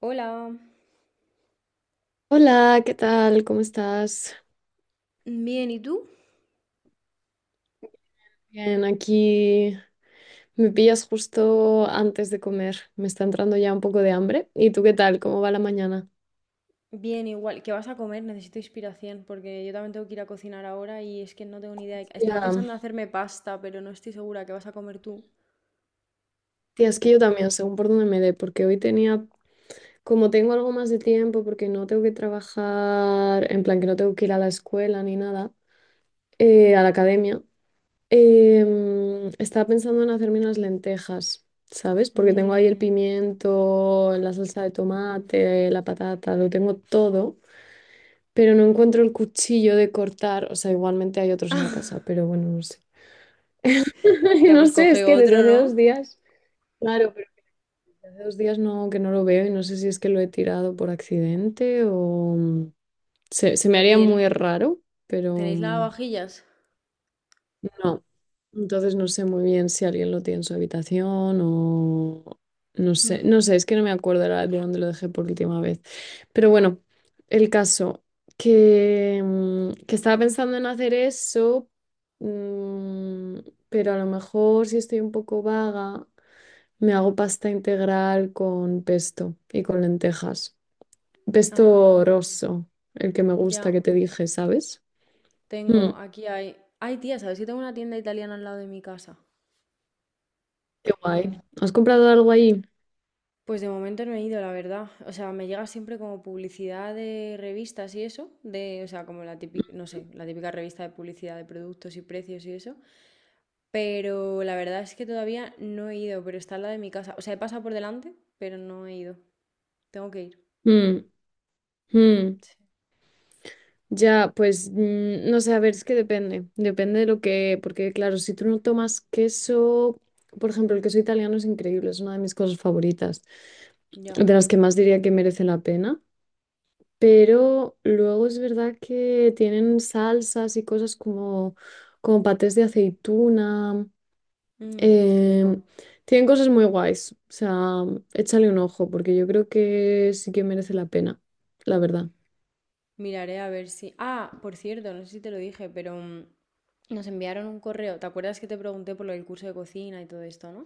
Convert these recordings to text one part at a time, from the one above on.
Hola, Hola, ¿qué tal? ¿Cómo estás? bien, ¿y tú? Bien, aquí me pillas justo antes de comer. Me está entrando ya un poco de hambre. ¿Y tú qué tal? ¿Cómo va la mañana? Bien, igual, ¿qué vas a comer? Necesito inspiración porque yo también tengo que ir a cocinar ahora y es que no tengo ni idea. Estaba Ya, pensando en hacerme pasta, pero no estoy segura qué vas a comer tú. tía, es que yo también, según por dónde me dé, porque hoy tenía, como tengo algo más de tiempo, porque no tengo que trabajar, en plan que no tengo que ir a la escuela ni nada, a la academia, estaba pensando en hacerme unas lentejas. ¿Sabes? Porque tengo ahí el Mmm. pimiento, la salsa de tomate, la patata, lo tengo todo. Pero no encuentro el cuchillo de cortar. O sea, igualmente hay otros en la casa, pero bueno, no sé. Tía, No pues sé, coge es que otro, desde hace ¿no? dos días. Claro, pero que desde hace dos días no, que no lo veo y no sé si es que lo he tirado por accidente o... se me No, haría ¿y muy raro, pero tenéis lavavajillas? no. Entonces no sé muy bien si alguien lo tiene en su habitación o no sé, Hmm. no sé, es que no me acuerdo ahora de dónde lo dejé por última vez. Pero bueno, el caso que que estaba pensando en hacer eso, mm, pero a lo mejor si estoy un poco vaga, me hago pasta integral con pesto y con lentejas. Pesto Ah, rosso, el que me gusta ya, que te dije, ¿sabes? Mm, aquí hay. Ay, tía, ¿sabes que tengo una tienda italiana al lado de mi casa? qué guay. ¿Has comprado algo ahí? Pues de momento no he ido, la verdad. O sea, me llega siempre como publicidad de revistas y eso, o sea, como la típica, no sé, la típica revista de publicidad de productos y precios y eso. Pero la verdad es que todavía no he ido, pero está en la de mi casa. O sea, he pasado por delante, pero no he ido. Tengo que ir. Mm, mm. Sí. Ya, pues no sé, a ver, es que depende de lo que, porque claro, si tú no tomas queso, por ejemplo, el queso italiano es increíble, es una de mis cosas favoritas, Ya. de las que más diría que merece la pena, pero luego es verdad que tienen salsas y cosas como, como patés de aceituna, Qué rico. em, tienen cosas muy guays, o sea, échale un ojo, porque yo creo que sí que merece la pena, la verdad. Miraré a ver si. Ah, por cierto, no sé si te lo dije, pero nos enviaron un correo. ¿Te acuerdas que te pregunté por lo del curso de cocina y todo esto, no?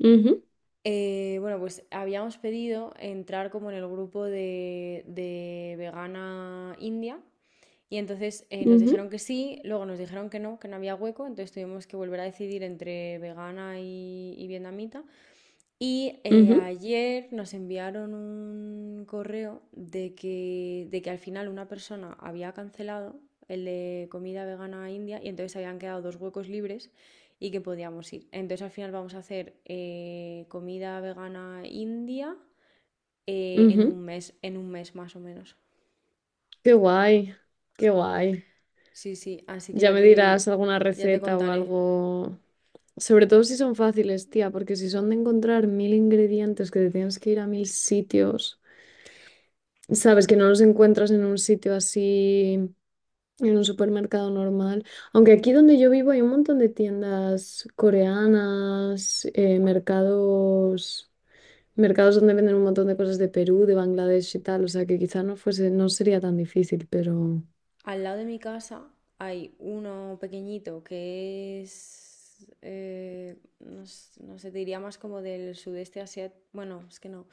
Ujú, Bueno, pues habíamos pedido entrar como en el grupo de vegana India y entonces nos ujú, dijeron que sí, luego nos dijeron que no había hueco, entonces tuvimos que volver a decidir entre vegana y vietnamita y ujú, ayer nos enviaron un correo de que al final una persona había cancelado el de comida vegana india y entonces habían quedado dos huecos libres y que podíamos ir. Entonces al final vamos a hacer comida vegana india en ujú. un mes, en un mes más o menos. Qué guay, qué guay. Sí, sí, así que Ya ya me dirás te, alguna ya te receta o contaré. algo. Sobre todo si son fáciles, tía, porque si son de encontrar mil ingredientes que te tienes que ir a mil sitios, sabes que no los encuentras en un sitio así, en un supermercado normal. Aunque aquí donde yo vivo hay un montón de tiendas coreanas, mercados, mercados donde venden un montón de cosas de Perú, de Bangladesh y tal. O sea que quizá no fuese, no sería tan difícil, pero. Al lado de mi casa hay uno pequeñito que es, no, no sé, te diría más como del sudeste asiático, bueno, es que no, o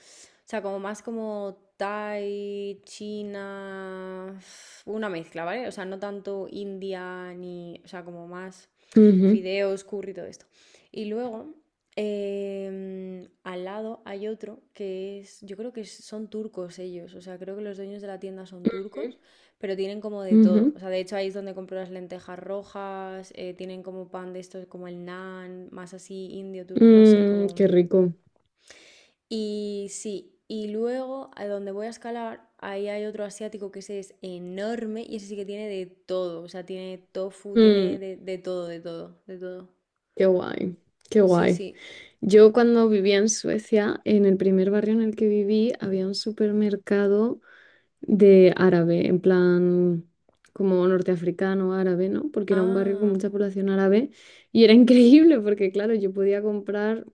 sea, como más como Thai, China, una mezcla, ¿vale? O sea, no tanto India ni, o sea, como más Ujú, fideos, curry, todo esto. Y luego, al lado hay otro que es, yo creo que son turcos ellos, o sea, creo que los dueños de la tienda son turcos, pero tienen como de todo. ujú. O sea, de hecho ahí es donde compro las lentejas rojas, tienen como pan de estos, como el naan, más así indio, turco, no sé, Mm, como... qué rico. Y sí, y luego a donde voy a escalar, ahí hay otro asiático que ese es enorme y ese sí que tiene de todo. O sea, tiene tofu, tiene Mm, de todo, de todo, de todo. qué guay, qué Sí, guay. sí. Yo cuando vivía en Suecia, en el primer barrio en el que viví, había un supermercado de árabe, en plan como norteafricano, árabe, ¿no? Porque era un barrio con Ah, mucha población árabe y era increíble porque, claro, yo podía comprar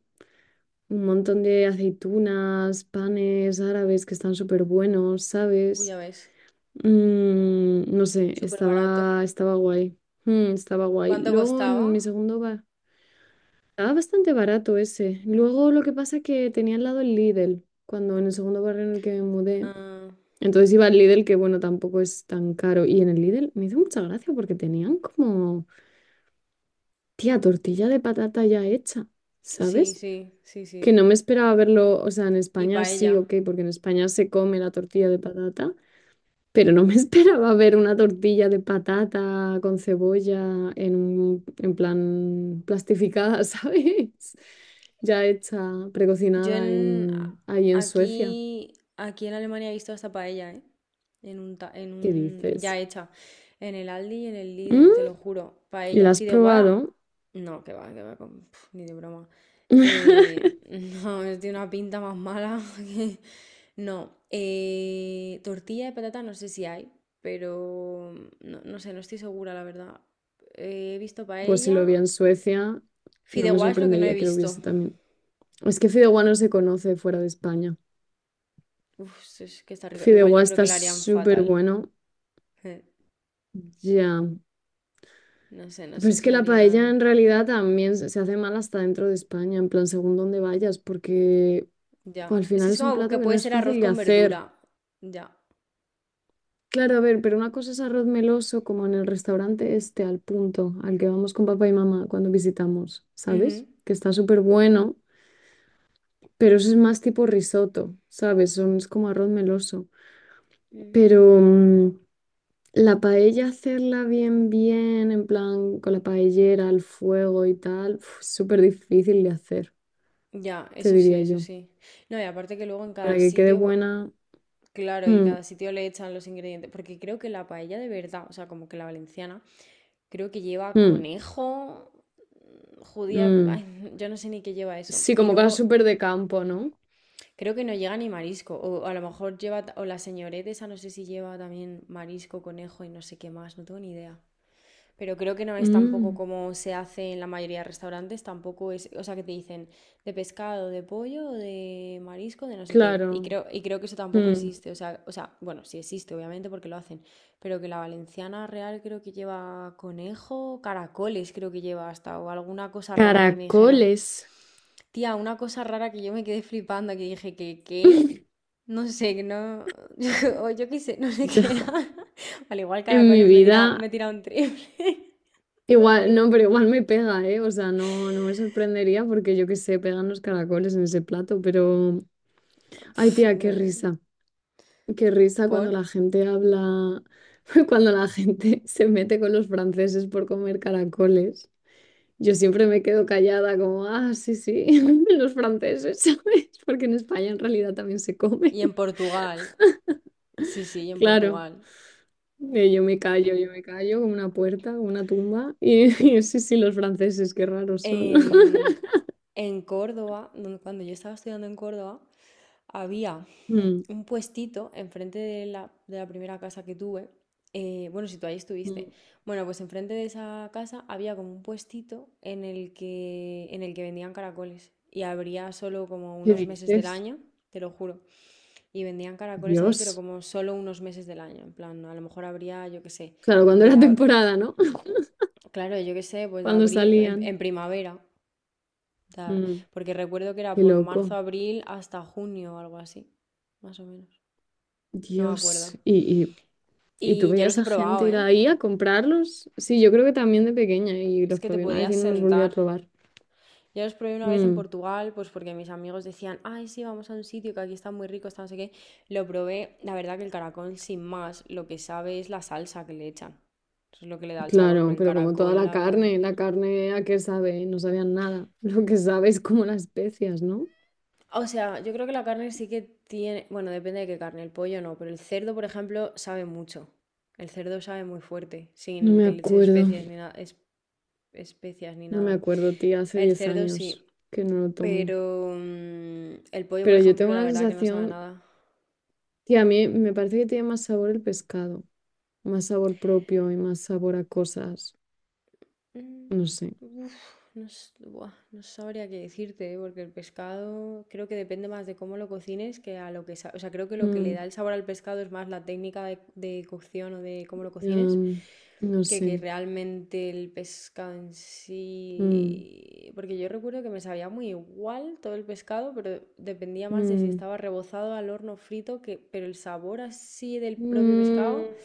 un montón de aceitunas, panes árabes que están súper buenos, uy, ya ¿sabes? ves. Mm, no sé, Súper barato. estaba guay. Mm, estaba guay. ¿Cuánto Luego costaba? en mi segundo bar. Estaba bastante barato ese. Luego lo que pasa es que tenía al lado el Lidl, cuando en el segundo barrio en el que me mudé. Ah, Entonces iba al Lidl, que bueno, tampoco es tan caro. Y en el Lidl me hizo mucha gracia porque tenían como, tía, tortilla de patata ya hecha, sí, ¿sabes? sí, sí, Que sí. no me esperaba verlo, o sea, en Y España sí, paella. ok, porque en España se come la tortilla de patata. Pero no me esperaba ver una tortilla de patata con cebolla en un, en plan plastificada, ¿sabes? Ya hecha, Yo precocinada en, ahí en Suecia. aquí en Alemania he visto hasta paella, ¿eh? En un, ta- en ¿Qué un, dices? Ya hecha. En el Aldi y en el Lidl, te Mm, lo juro. ¿la Paella. has Fideuá, probado? no, que va, ni de broma. Eh, no, es de una pinta más mala que- No. Tortilla de patata no sé si hay, pero no, no sé, no estoy segura, la verdad. He visto Pues si lo vi paella. en Suecia, no me Fideuá es lo que no he sorprendería que lo visto. hubiese también. Es que fideuá no se conoce fuera de España. Uf, sí, es que está rico. Igual Fideuá yo creo que está lo harían súper fatal. bueno. Eh, Ya. No sé, no Pero sé es si que lo la paella harían. en realidad también se hace mal hasta dentro de España, en plan, según dónde vayas, porque pues, Ya. al Es que final es es un como que plato que no puede es ser arroz fácil de con hacer. verdura. Ya. Claro, a ver, pero una cosa es arroz meloso, como en el restaurante este, al punto, al que vamos con papá y mamá cuando visitamos, Ujú. ¿sabes? Que está súper bueno, pero eso es más tipo risotto, ¿sabes? Son, es como arroz meloso. Mm. Pero la paella, hacerla bien, bien, en plan, con la paellera, al fuego y tal, uf, es súper difícil de hacer. Ya, Te eso sí, diría eso yo. sí. No, y aparte que luego en Para cada que quede sitio, buena. claro, y Mm, cada sitio le echan los ingredientes. Porque creo que la paella de verdad, o sea, como que la valenciana, creo que lleva mm, conejo, judía. mm. Ay, yo no sé ni qué lleva eso. Sí, Y como cosas luego súper de campo, ¿no? creo que no llega ni marisco. O a lo mejor lleva, o la señorita esa no sé si lleva también marisco, conejo y no sé qué más, no tengo ni idea. Pero creo que no es tampoco Mm, como se hace en la mayoría de restaurantes, tampoco es, o sea, que te dicen de pescado, de pollo, de marisco, de no sé qué. Y claro. creo, y creo que eso tampoco Mm. existe, o sea, bueno, sí existe, obviamente, porque lo hacen, pero que la valenciana real creo que lleva conejo, caracoles creo que lleva hasta, o alguna cosa rara que a mí me dijeron. Caracoles. Tía, una cosa rara que yo me quedé flipando, que dije que, ¿qué? No sé, que no... o yo qué sé, no sé Yo, qué era. Al igual en mi caracoles me tira, me vida, tira un triple. igual, no, pero igual me pega, ¿eh? O sea, no, no me sorprendería porque yo qué sé, pegan los caracoles en ese plato, pero, ay, tía, no- qué risa ¿Por? cuando la gente habla, cuando la gente se mete con los franceses por comer caracoles. Yo siempre me quedo callada como, ah, sí, sí, los franceses, ¿sabes? Porque en España en realidad también se comen. Y en Portugal. Sí, sí, y en Claro, Portugal. Yo me callo como una puerta, como una tumba. Y, y sí, sí, los franceses, qué raros son. En, en Córdoba, cuando yo estaba estudiando en Córdoba, había Mm, un puestito enfrente de la, primera casa que tuve. Bueno, si tú ahí estuviste. mm. Bueno, pues enfrente de esa casa había como un puestito en el que vendían caracoles. Y habría solo como ¿Qué unos meses del dices? año, te lo juro. Y vendían caracoles ahí, pero Dios. como solo unos meses del año. En plan, a lo mejor habría, yo qué sé, Claro, cuando de... era ab- temporada, ¿no? Claro, yo qué sé, pues de Cuando abril, en, salían. en primavera. O sea, Mm, porque recuerdo que era qué por marzo, loco. abril hasta junio o algo así, más o menos. No me acuerdo. Dios. Y tú Y yo los veías he a gente probado, ir ¿eh? ahí a comprarlos. Sí, yo creo que también de pequeña y Es los que te probé una vez podías y no los volví a sentar. probar. Yo los probé una vez en Mm. Portugal, pues porque mis amigos decían, ay, sí, vamos a un sitio que aquí está muy rico, está no sé qué. Lo probé, la verdad que el caracol sin más, lo que sabe es la salsa que le echan. Eso es lo que le da el sabor, pero Claro, el pero como toda caracol, la verdad que... la carne a qué sabe, no sabían nada. Lo que sabe es como las especias, ¿no? O sea, yo creo que la carne sí que tiene, bueno, depende de qué carne, el pollo no, pero el cerdo, por ejemplo, sabe mucho. El cerdo sabe muy fuerte, No sin me que le eches acuerdo, especias ni nada, especias ni no me nada. acuerdo, tía, hace El 10 cerdo sí. años que no lo tomo. Pero el pollo, por Pero yo ejemplo, tengo la la verdad que no sabe sensación, nada. tía, a mí me parece que tiene más sabor el pescado, más sabor propio y más sabor a cosas. Mm, No sé. Uf, no, buah, no sabría qué decirte, ¿eh? Porque el pescado creo que depende más de cómo lo cocines que a lo que... O sea, creo que lo que le Mm, da el sabor al pescado es más la técnica de cocción o de cómo lo cocines am, no que sé. realmente el pescado en Mm, sí... Porque yo recuerdo que me sabía muy igual todo el pescado, pero dependía más de si mm. estaba rebozado al horno frito, que... pero el sabor así del propio Mm, pescado...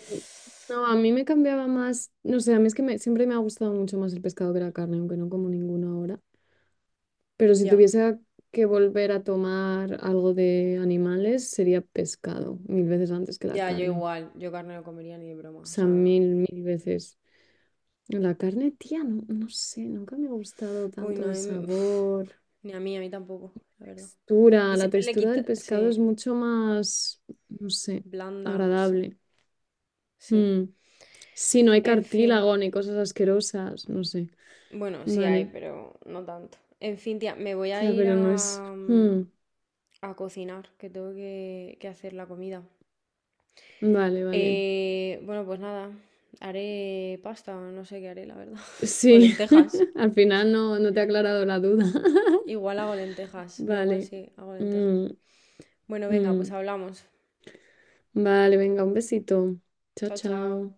no, a mí me cambiaba más, no sé, a mí es que me- siempre me ha gustado mucho más el pescado que la carne, aunque no como ninguno ahora. Pero si Ya. tuviese que volver a tomar algo de animales, sería pescado, mil veces antes que la Ya, yo carne. igual, yo carne no comería ni de broma, O o sea, sea, mil, mil veces. La carne, tía, no, no sé, nunca me ha gustado uy, tanto no, el uf, sabor, ni a mí, a mí tampoco, la verdad. textura. Y La siempre le textura quita, del pescado sí, es mucho más, no sé, blanda, no sé, agradable. sí. Mm. Sí, no hay En fin, cartílago ni cosas asquerosas, no sé. bueno, sí hay, Vale. pero no tanto. En fin, tía, me voy a Tía, ir pero no es... a, Mm, a cocinar, que tengo que hacer la comida. vale, vale. Bueno, pues nada, haré pasta, no sé qué haré, la verdad, o Sí, lentejas. al final no, no te ha aclarado la duda. Igual hago lentejas, no, igual Vale. sí, hago lentejas. Mm, Bueno, venga, pues mm. hablamos. Vale, venga, un besito. Chao, Chao, chao. chao.